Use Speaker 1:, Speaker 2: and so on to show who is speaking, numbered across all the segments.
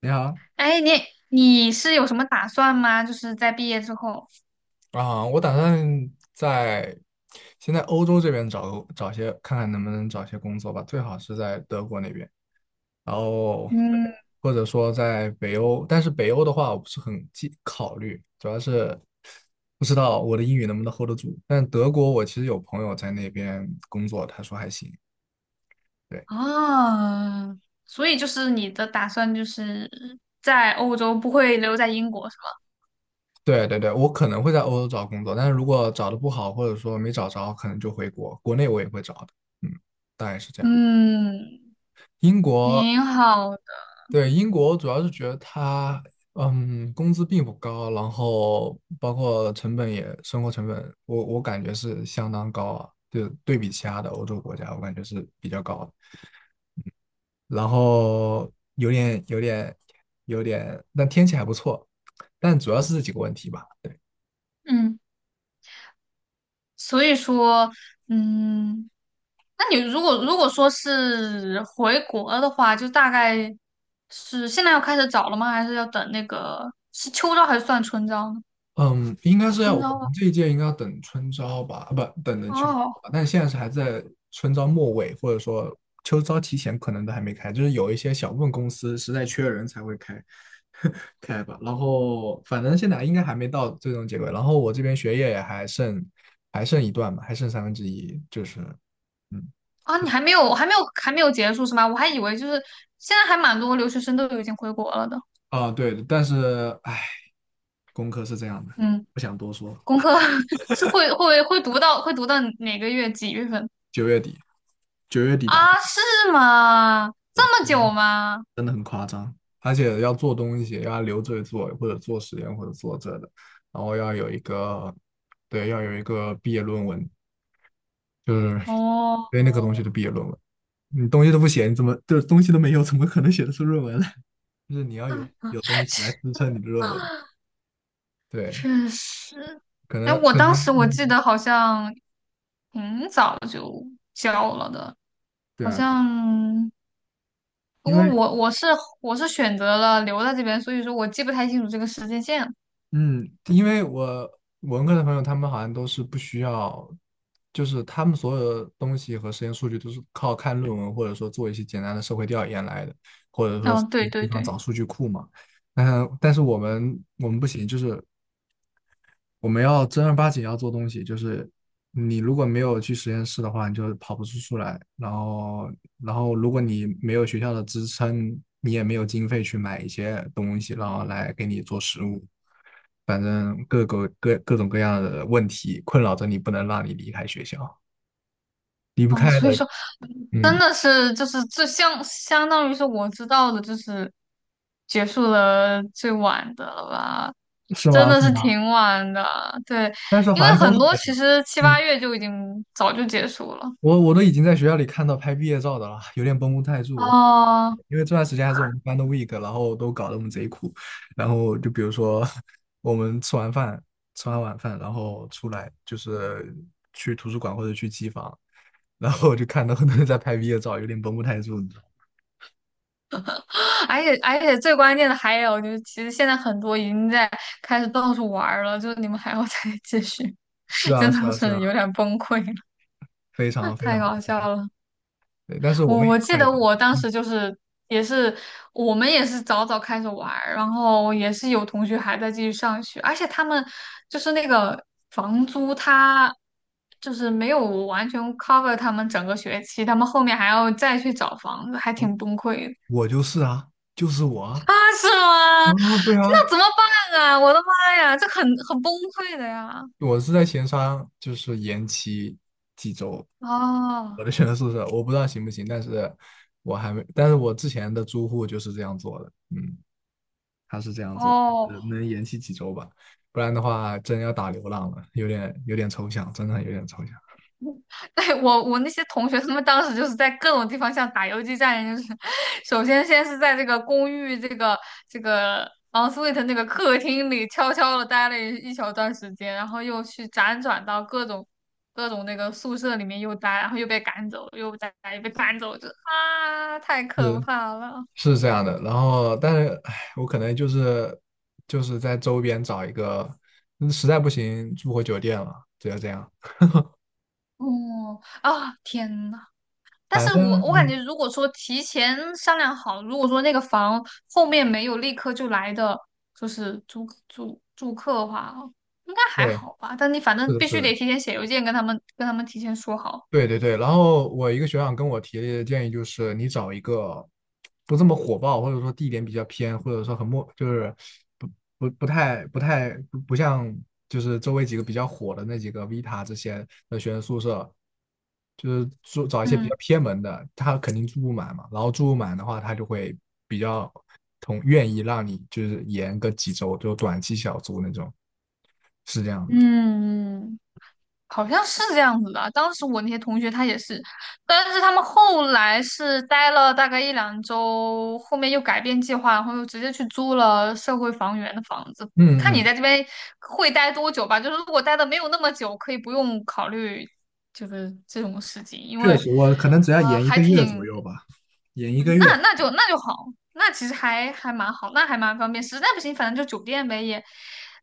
Speaker 1: 你好
Speaker 2: 哎，你是有什么打算吗？就是在毕业之后，
Speaker 1: 啊，我打算在先在欧洲这边找些，看看能不能找些工作吧，最好是在德国那边，然后
Speaker 2: 嗯，
Speaker 1: 或者说在北欧，但是北欧的话我不是很记考虑，主要是不知道我的英语能不能 hold 得住。但德国我其实有朋友在那边工作，他说还行。对
Speaker 2: 哦，所以就是你的打算就是在欧洲，不会留在英国是吗？
Speaker 1: 对对对，我可能会在欧洲找工作，但是如果找的不好，或者说没找着，可能就回国，国内我也会找的。嗯，大概是这样。
Speaker 2: 嗯，
Speaker 1: 英国，
Speaker 2: 挺好的。
Speaker 1: 对，英国主要是觉得它，工资并不高，然后包括成本也，生活成本，我感觉是相当高啊，就对比其他的欧洲国家，我感觉是比较高的。然后有点，但天气还不错，但主要是这几个问题吧。
Speaker 2: 嗯，所以说，嗯，那你如果说是回国的话，就大概是现在要开始找了吗？还是要等那个是秋招还是算春招呢？
Speaker 1: 嗯，应该是要
Speaker 2: 春
Speaker 1: 我们
Speaker 2: 招吧。
Speaker 1: 这一届应该要等春招吧，啊不，等等秋招
Speaker 2: 哦
Speaker 1: 吧，但现在是还在春招末尾，或者说秋招提前，可能都还没开，就是有一些小部分公司实在缺人才会开 开吧。然后反正现在应该还没到最终结果，然后我这边学业也还剩一段吧，还剩1/3，就是嗯
Speaker 2: 啊，你还没有结束是吗？我还以为就是现在还蛮多留学生都已经回国了的。
Speaker 1: 啊对，但是唉，功课是这样的，
Speaker 2: 嗯，
Speaker 1: 不想多说，
Speaker 2: 功课 是会读到哪个月几月份
Speaker 1: 九月底九月底打。
Speaker 2: 啊？是吗？这么久吗？
Speaker 1: 真的很夸张。而且要做东西，要留着做，或者做实验，或者做这的，然后要有一个，对，要有一个毕业论文，就是
Speaker 2: 哦，
Speaker 1: 对那个东西的毕业论文，你东西都不写，你怎么就是东西都没有，怎么可能写得出论文来？就是你要有东西来支撑你的论文，对，
Speaker 2: 确实。
Speaker 1: 可
Speaker 2: 哎，
Speaker 1: 能
Speaker 2: 我
Speaker 1: 可
Speaker 2: 当
Speaker 1: 能，
Speaker 2: 时我记
Speaker 1: 嗯
Speaker 2: 得好像挺早就交了的，
Speaker 1: 对
Speaker 2: 好
Speaker 1: 啊，对啊
Speaker 2: 像不
Speaker 1: 因为
Speaker 2: 过我是选择了留在这边，所以说我记不太清楚这个时间线。
Speaker 1: 嗯，因为我文科的朋友，他们好像都是不需要，就是他们所有的东西和实验数据都是靠看论文，或者说做一些简单的社会调研来的，或者说在
Speaker 2: 哦，对
Speaker 1: 地
Speaker 2: 对
Speaker 1: 方
Speaker 2: 对，
Speaker 1: 找数据库嘛。但是我们不行，就是我们要正儿八经要做东西，就是你如果没有去实验室的话，你就跑不出来。然后，然后如果你没有学校的支撑，你也没有经费去买一些东西，然后来给你做实物。反正各种各样的问题困扰着你，不能让你离开学校，离不
Speaker 2: 哦，
Speaker 1: 开的。
Speaker 2: 所以说。真
Speaker 1: 嗯，
Speaker 2: 的是就是这相当于是我知道的，就是结束了最晚的了吧，
Speaker 1: 是
Speaker 2: 真
Speaker 1: 吗？
Speaker 2: 的
Speaker 1: 是
Speaker 2: 是
Speaker 1: 吗？
Speaker 2: 挺晚的。对，
Speaker 1: 但是
Speaker 2: 因
Speaker 1: 好
Speaker 2: 为
Speaker 1: 像都
Speaker 2: 很
Speaker 1: 是
Speaker 2: 多
Speaker 1: 这
Speaker 2: 其
Speaker 1: 样。
Speaker 2: 实七八
Speaker 1: 嗯。
Speaker 2: 月就已经早就结束了。
Speaker 1: 我都已经在学校里看到拍毕业照的了，有点绷不太住，
Speaker 2: 哦，
Speaker 1: 因为这段时间还是我们班的 week,然后都搞得我们贼苦。然后就比如说，我们吃完饭，吃完晚饭，然后出来就是去图书馆或者去机房，然后我就看到很多人在拍毕业照，有点绷不太住，你知道吗？
Speaker 2: 而且最关键的还有就是，其实现在很多已经在开始到处玩儿了，就是你们还要再继续，
Speaker 1: 是 啊，
Speaker 2: 真
Speaker 1: 是
Speaker 2: 的
Speaker 1: 啊，是
Speaker 2: 是有
Speaker 1: 啊，
Speaker 2: 点崩溃了，
Speaker 1: 非常 非
Speaker 2: 太
Speaker 1: 常崩
Speaker 2: 搞笑
Speaker 1: 溃。
Speaker 2: 了。
Speaker 1: 对，但是
Speaker 2: 我
Speaker 1: 我们也
Speaker 2: 我记
Speaker 1: 快，
Speaker 2: 得我当
Speaker 1: 嗯，
Speaker 2: 时就是也是我们也是早早开始玩儿，然后也是有同学还在继续上学，而且他们就是那个房租，他就是没有完全 cover 他们整个学期，他们后面还要再去找房子，还
Speaker 1: 我
Speaker 2: 挺崩溃的
Speaker 1: 我就是啊，就是我啊，
Speaker 2: 啊，是
Speaker 1: 啊，
Speaker 2: 吗？
Speaker 1: 对啊，
Speaker 2: 那怎么办啊？我的妈呀，这很崩溃的呀！
Speaker 1: 我是在前商，就是延期几周。
Speaker 2: 哦
Speaker 1: 我的选择宿舍，我不知道行不行，但是我还没，但是我之前的租户就是这样做的，嗯，他是这样做的，就
Speaker 2: 哦，
Speaker 1: 是能延期几周吧，不然的话真要打流浪了，有点抽象，真的有点抽象，
Speaker 2: 对，我那些同学，他们当时就是在各种地方像打游击战一样，就是 先是在这个公寓这个这个 ensuite 那个客厅里悄悄的待了一小段时间，然后又去辗转到各种那个宿舍里面又待，然后又被赶走，又再又被赶走，就啊，太可
Speaker 1: 是
Speaker 2: 怕了！
Speaker 1: 是这样的。然后，但是唉，我可能就是在周边找一个，嗯实在不行住回酒店了，只有这样。
Speaker 2: 哦啊，天呐！但
Speaker 1: 反
Speaker 2: 是
Speaker 1: 正
Speaker 2: 我感觉，
Speaker 1: 嗯，
Speaker 2: 如果说提前商量好，如果说那个房后面没有立刻就来的，就是租住客的话，应该还
Speaker 1: 对，
Speaker 2: 好吧。但你反
Speaker 1: 是
Speaker 2: 正
Speaker 1: 的，
Speaker 2: 必
Speaker 1: 是
Speaker 2: 须
Speaker 1: 的。
Speaker 2: 得提前写邮件跟他们提前说好。
Speaker 1: 对对对，然后我一个学长跟我提的建议就是，你找一个不这么火爆，或者说地点比较偏，或者说很陌，就是不不不太不太不不像就是周围几个比较火的那几个 Vita 这些的学生宿舍，就是住找一些比
Speaker 2: 嗯
Speaker 1: 较偏门的，他肯定住不满嘛，然后住不满的话，他就会比较同愿意让你就是延个几周，就短期小租那种，是这样的。
Speaker 2: 嗯，好像是这样子的。当时我那些同学他也是，但是他们后来是待了大概一两周，后面又改变计划，然后又直接去租了社会房源的房子。看
Speaker 1: 嗯
Speaker 2: 你
Speaker 1: 嗯
Speaker 2: 在这边会待多久吧，就是如果待的没有那么久，可以不用考虑就是这种事情，因为
Speaker 1: 确实，我可能只要延一
Speaker 2: 还
Speaker 1: 个月
Speaker 2: 挺
Speaker 1: 左右吧，延一个
Speaker 2: 嗯那
Speaker 1: 月。
Speaker 2: 那就那就好，那其实还蛮好，那还蛮方便。实在不行，反正就酒店呗，也，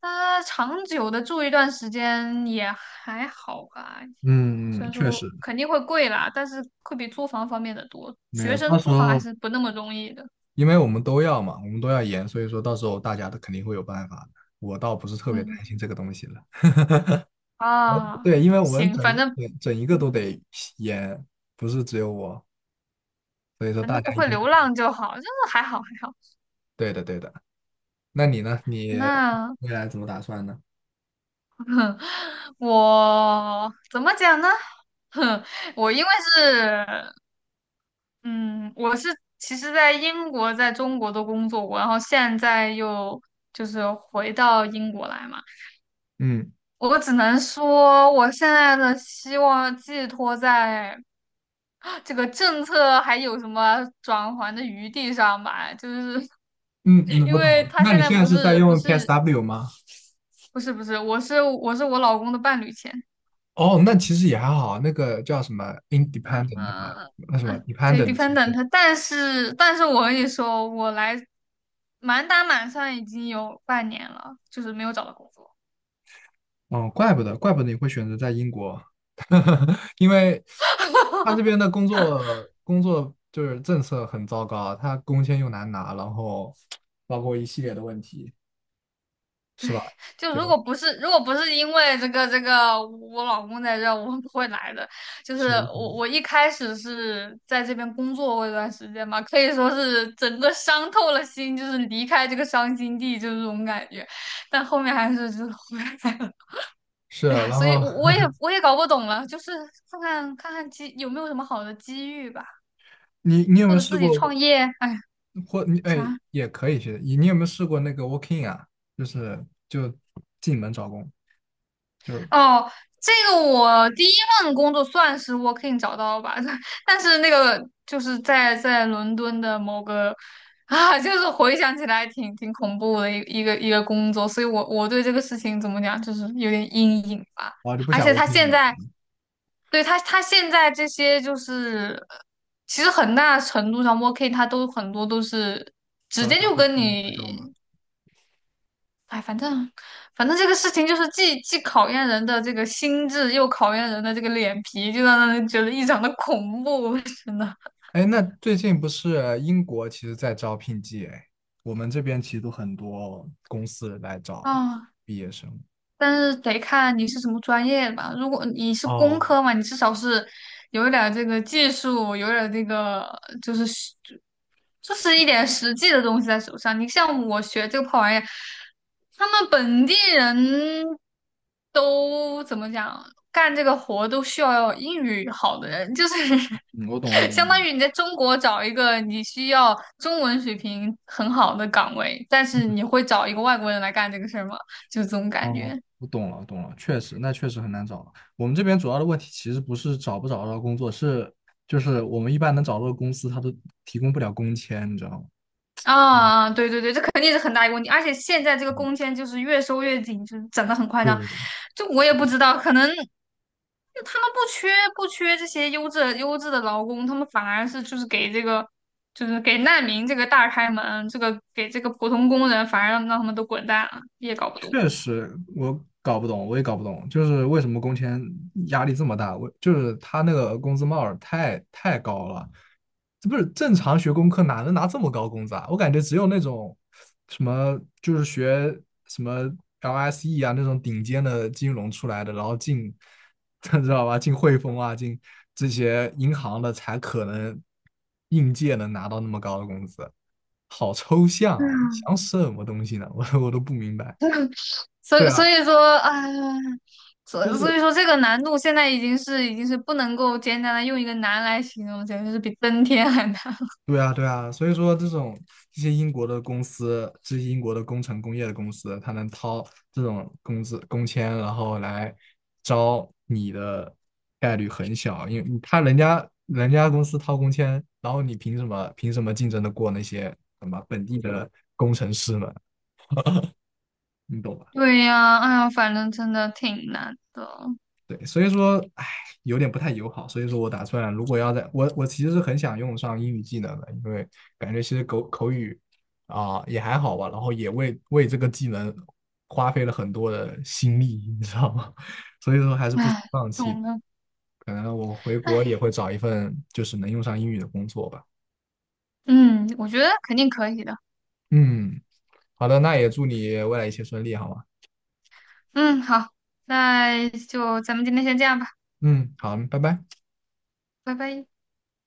Speaker 2: 长久的住一段时间也还好吧。
Speaker 1: 嗯，
Speaker 2: 虽
Speaker 1: 嗯
Speaker 2: 然
Speaker 1: 确
Speaker 2: 说
Speaker 1: 实
Speaker 2: 肯定会贵啦，但是会比租房方便的多。
Speaker 1: 没
Speaker 2: 学
Speaker 1: 有。
Speaker 2: 生
Speaker 1: 到时
Speaker 2: 租房还
Speaker 1: 候，
Speaker 2: 是不那么容易的。
Speaker 1: 因为我们都要嘛，我们都要延，所以说到时候大家都肯定会有办法的。我倒不是特别担心
Speaker 2: 嗯
Speaker 1: 这个东西了。
Speaker 2: 啊，
Speaker 1: 对，因为我们
Speaker 2: 行，
Speaker 1: 整一个
Speaker 2: 嗯，
Speaker 1: 都得延，不是只有我，所以说
Speaker 2: 反
Speaker 1: 大
Speaker 2: 正
Speaker 1: 家
Speaker 2: 不
Speaker 1: 一
Speaker 2: 会
Speaker 1: 定
Speaker 2: 流浪就好，就是还好还好。
Speaker 1: 对的，对的。那你呢？你
Speaker 2: 那
Speaker 1: 未来怎么打算呢？
Speaker 2: 我怎么讲呢？哼，我因为是嗯，我是其实在英国、在中国都工作过，然后现在又就是回到英国来嘛。
Speaker 1: 嗯
Speaker 2: 我只能说，我现在的希望寄托在这个政策还有什么转圜的余地上吧，就是
Speaker 1: 嗯 嗯，
Speaker 2: 因
Speaker 1: 我懂
Speaker 2: 为
Speaker 1: 了。
Speaker 2: 他
Speaker 1: 那
Speaker 2: 现
Speaker 1: 你
Speaker 2: 在
Speaker 1: 现在
Speaker 2: 不
Speaker 1: 是在
Speaker 2: 是不
Speaker 1: 用
Speaker 2: 是
Speaker 1: PSW 吗？
Speaker 2: 不是不是，我是我老公的伴侣签，
Speaker 1: 哦，那其实也还好，那个叫什么 independent 吧，
Speaker 2: 呃，
Speaker 1: 那什么
Speaker 2: 对
Speaker 1: dependent 签证。
Speaker 2: ，dependent，但是我跟你说，我来满打满算已经有半年了，就是没有找到工作。
Speaker 1: 哦，怪不得，怪不得你会选择在英国，因为他这边的工作就是政策很糟糕，他工签又难拿，然后包括一系列的问题，是吧？
Speaker 2: 就
Speaker 1: 就
Speaker 2: 如果不是因为这个我老公在这儿，我不会来的。就是
Speaker 1: 是的，是
Speaker 2: 我
Speaker 1: 的，
Speaker 2: 我一开始是在这边工作过一段时间嘛，可以说是整个伤透了心，就是离开这个伤心地，就是这种感觉。但后面还是就是回来了。
Speaker 1: 是
Speaker 2: 哎
Speaker 1: 啊
Speaker 2: 呀，
Speaker 1: 然
Speaker 2: 所以
Speaker 1: 后
Speaker 2: 我我也 我也搞不懂了，就是看看机有没有什么好的机遇吧，
Speaker 1: 你有没
Speaker 2: 或
Speaker 1: 有
Speaker 2: 者
Speaker 1: 试
Speaker 2: 自己创
Speaker 1: 过
Speaker 2: 业，哎，
Speaker 1: 或你哎
Speaker 2: 啥。
Speaker 1: 也可以去，你有没有试过那个 working 啊？就是就进门找工，就是
Speaker 2: 哦，这个我第一份工作算是 working 找到吧，但是那个就是在伦敦的某个 啊，就是回想起来挺恐怖的一个工作，所以我对这个事情怎么讲，就是有点阴影吧。
Speaker 1: 我就不
Speaker 2: 而
Speaker 1: 想
Speaker 2: 且他
Speaker 1: working
Speaker 2: 现
Speaker 1: 了。
Speaker 2: 在，对他现在这些就是，其实很大程度上 working 他都很多都是直
Speaker 1: 找一
Speaker 2: 接
Speaker 1: 下
Speaker 2: 就跟
Speaker 1: 嗯那种嘛。
Speaker 2: 你哎，反正这个事情就是既考验人的这个心智，又考验人的这个脸皮，就让人觉得异常的恐怖，真的
Speaker 1: 哎，那最近不是英国其实在招聘季哎，我们这边其实都很多公司来找
Speaker 2: 啊。
Speaker 1: 毕业生。
Speaker 2: 但是得看你是什么专业的吧。如果你是工
Speaker 1: 哦，
Speaker 2: 科嘛，你至少是有一点儿这个技术，有一点儿这个就是实就是一点实际的东西在手上。你像我学这个破玩意儿，他们本地人都怎么讲，干这个活都需要英语好的人，就是
Speaker 1: 嗯我懂，我 懂，
Speaker 2: 相
Speaker 1: 我
Speaker 2: 当
Speaker 1: 懂。
Speaker 2: 于你在中国找一个你需要中文水平很好的岗位，但是你会找一个外国人来干这个事儿吗？就这种感
Speaker 1: 哦，
Speaker 2: 觉。
Speaker 1: 我懂了，懂了，确实，那确实很难找了。我们这边主要的问题其实不是找不找得到工作，是就是我们一般能找到的公司，他都提供不了工签，你知道吗？嗯
Speaker 2: 啊，对对对，这肯定是很大一个问题，而且现在这个
Speaker 1: 嗯，
Speaker 2: 工签就是越收越紧，就是整的很夸张。
Speaker 1: 对，
Speaker 2: 就我也不知道，可能就他们不缺这些优质的劳工，他们反而是就是给这个就是给难民这个大开门，这个给这个普通工人反而让他们都滚蛋了，也搞不懂。
Speaker 1: 确实我搞不懂，我也搞不懂，就是为什么工签压力这么大？我就是他那个工资帽儿太高了，这不是正常学工科哪能拿这么高工资啊？我感觉只有那种什么就是学什么 LSE 啊那种顶尖的金融出来的，然后进 知道吧？进汇丰啊，进这些银行的才可能应届能拿到那么高的工资，好抽象啊！
Speaker 2: 嗯，
Speaker 1: 想什么东西呢？我都不明白。
Speaker 2: 所
Speaker 1: 对
Speaker 2: 以所
Speaker 1: 啊，
Speaker 2: 以说，哎呀所
Speaker 1: 就
Speaker 2: 所
Speaker 1: 是
Speaker 2: 以说这个难度现在已经是不能够简单的用一个难来形容，简直是比登天还难。
Speaker 1: 对啊，对啊，所以说这种这些英国的公司，这些英国的工程工业的公司，他能掏这种工资工签，然后来招你的概率很小，因为他人家公司掏工签，然后你凭什么竞争的过那些什么本地的工程师们？你懂吧？
Speaker 2: 对呀，哎呀，反正真的挺难的，
Speaker 1: 对，所以说，唉，有点不太友好。所以说我打算，如果要在我其实是很想用上英语技能的，因为感觉其实口语啊、也还好吧，然后也为这个技能花费了很多的心力，你知道吗？所以说还是不想
Speaker 2: 哎，
Speaker 1: 放弃的。
Speaker 2: 懂了，
Speaker 1: 可能我回国也
Speaker 2: 哎，
Speaker 1: 会找一份就是能用上英语的工作吧。
Speaker 2: 嗯，我觉得肯定可以的，
Speaker 1: 嗯，好的，那也祝你未来一切顺利，好吗？
Speaker 2: 嗯，好，那就咱们今天先这样吧，
Speaker 1: 嗯，好，拜拜。
Speaker 2: 拜拜。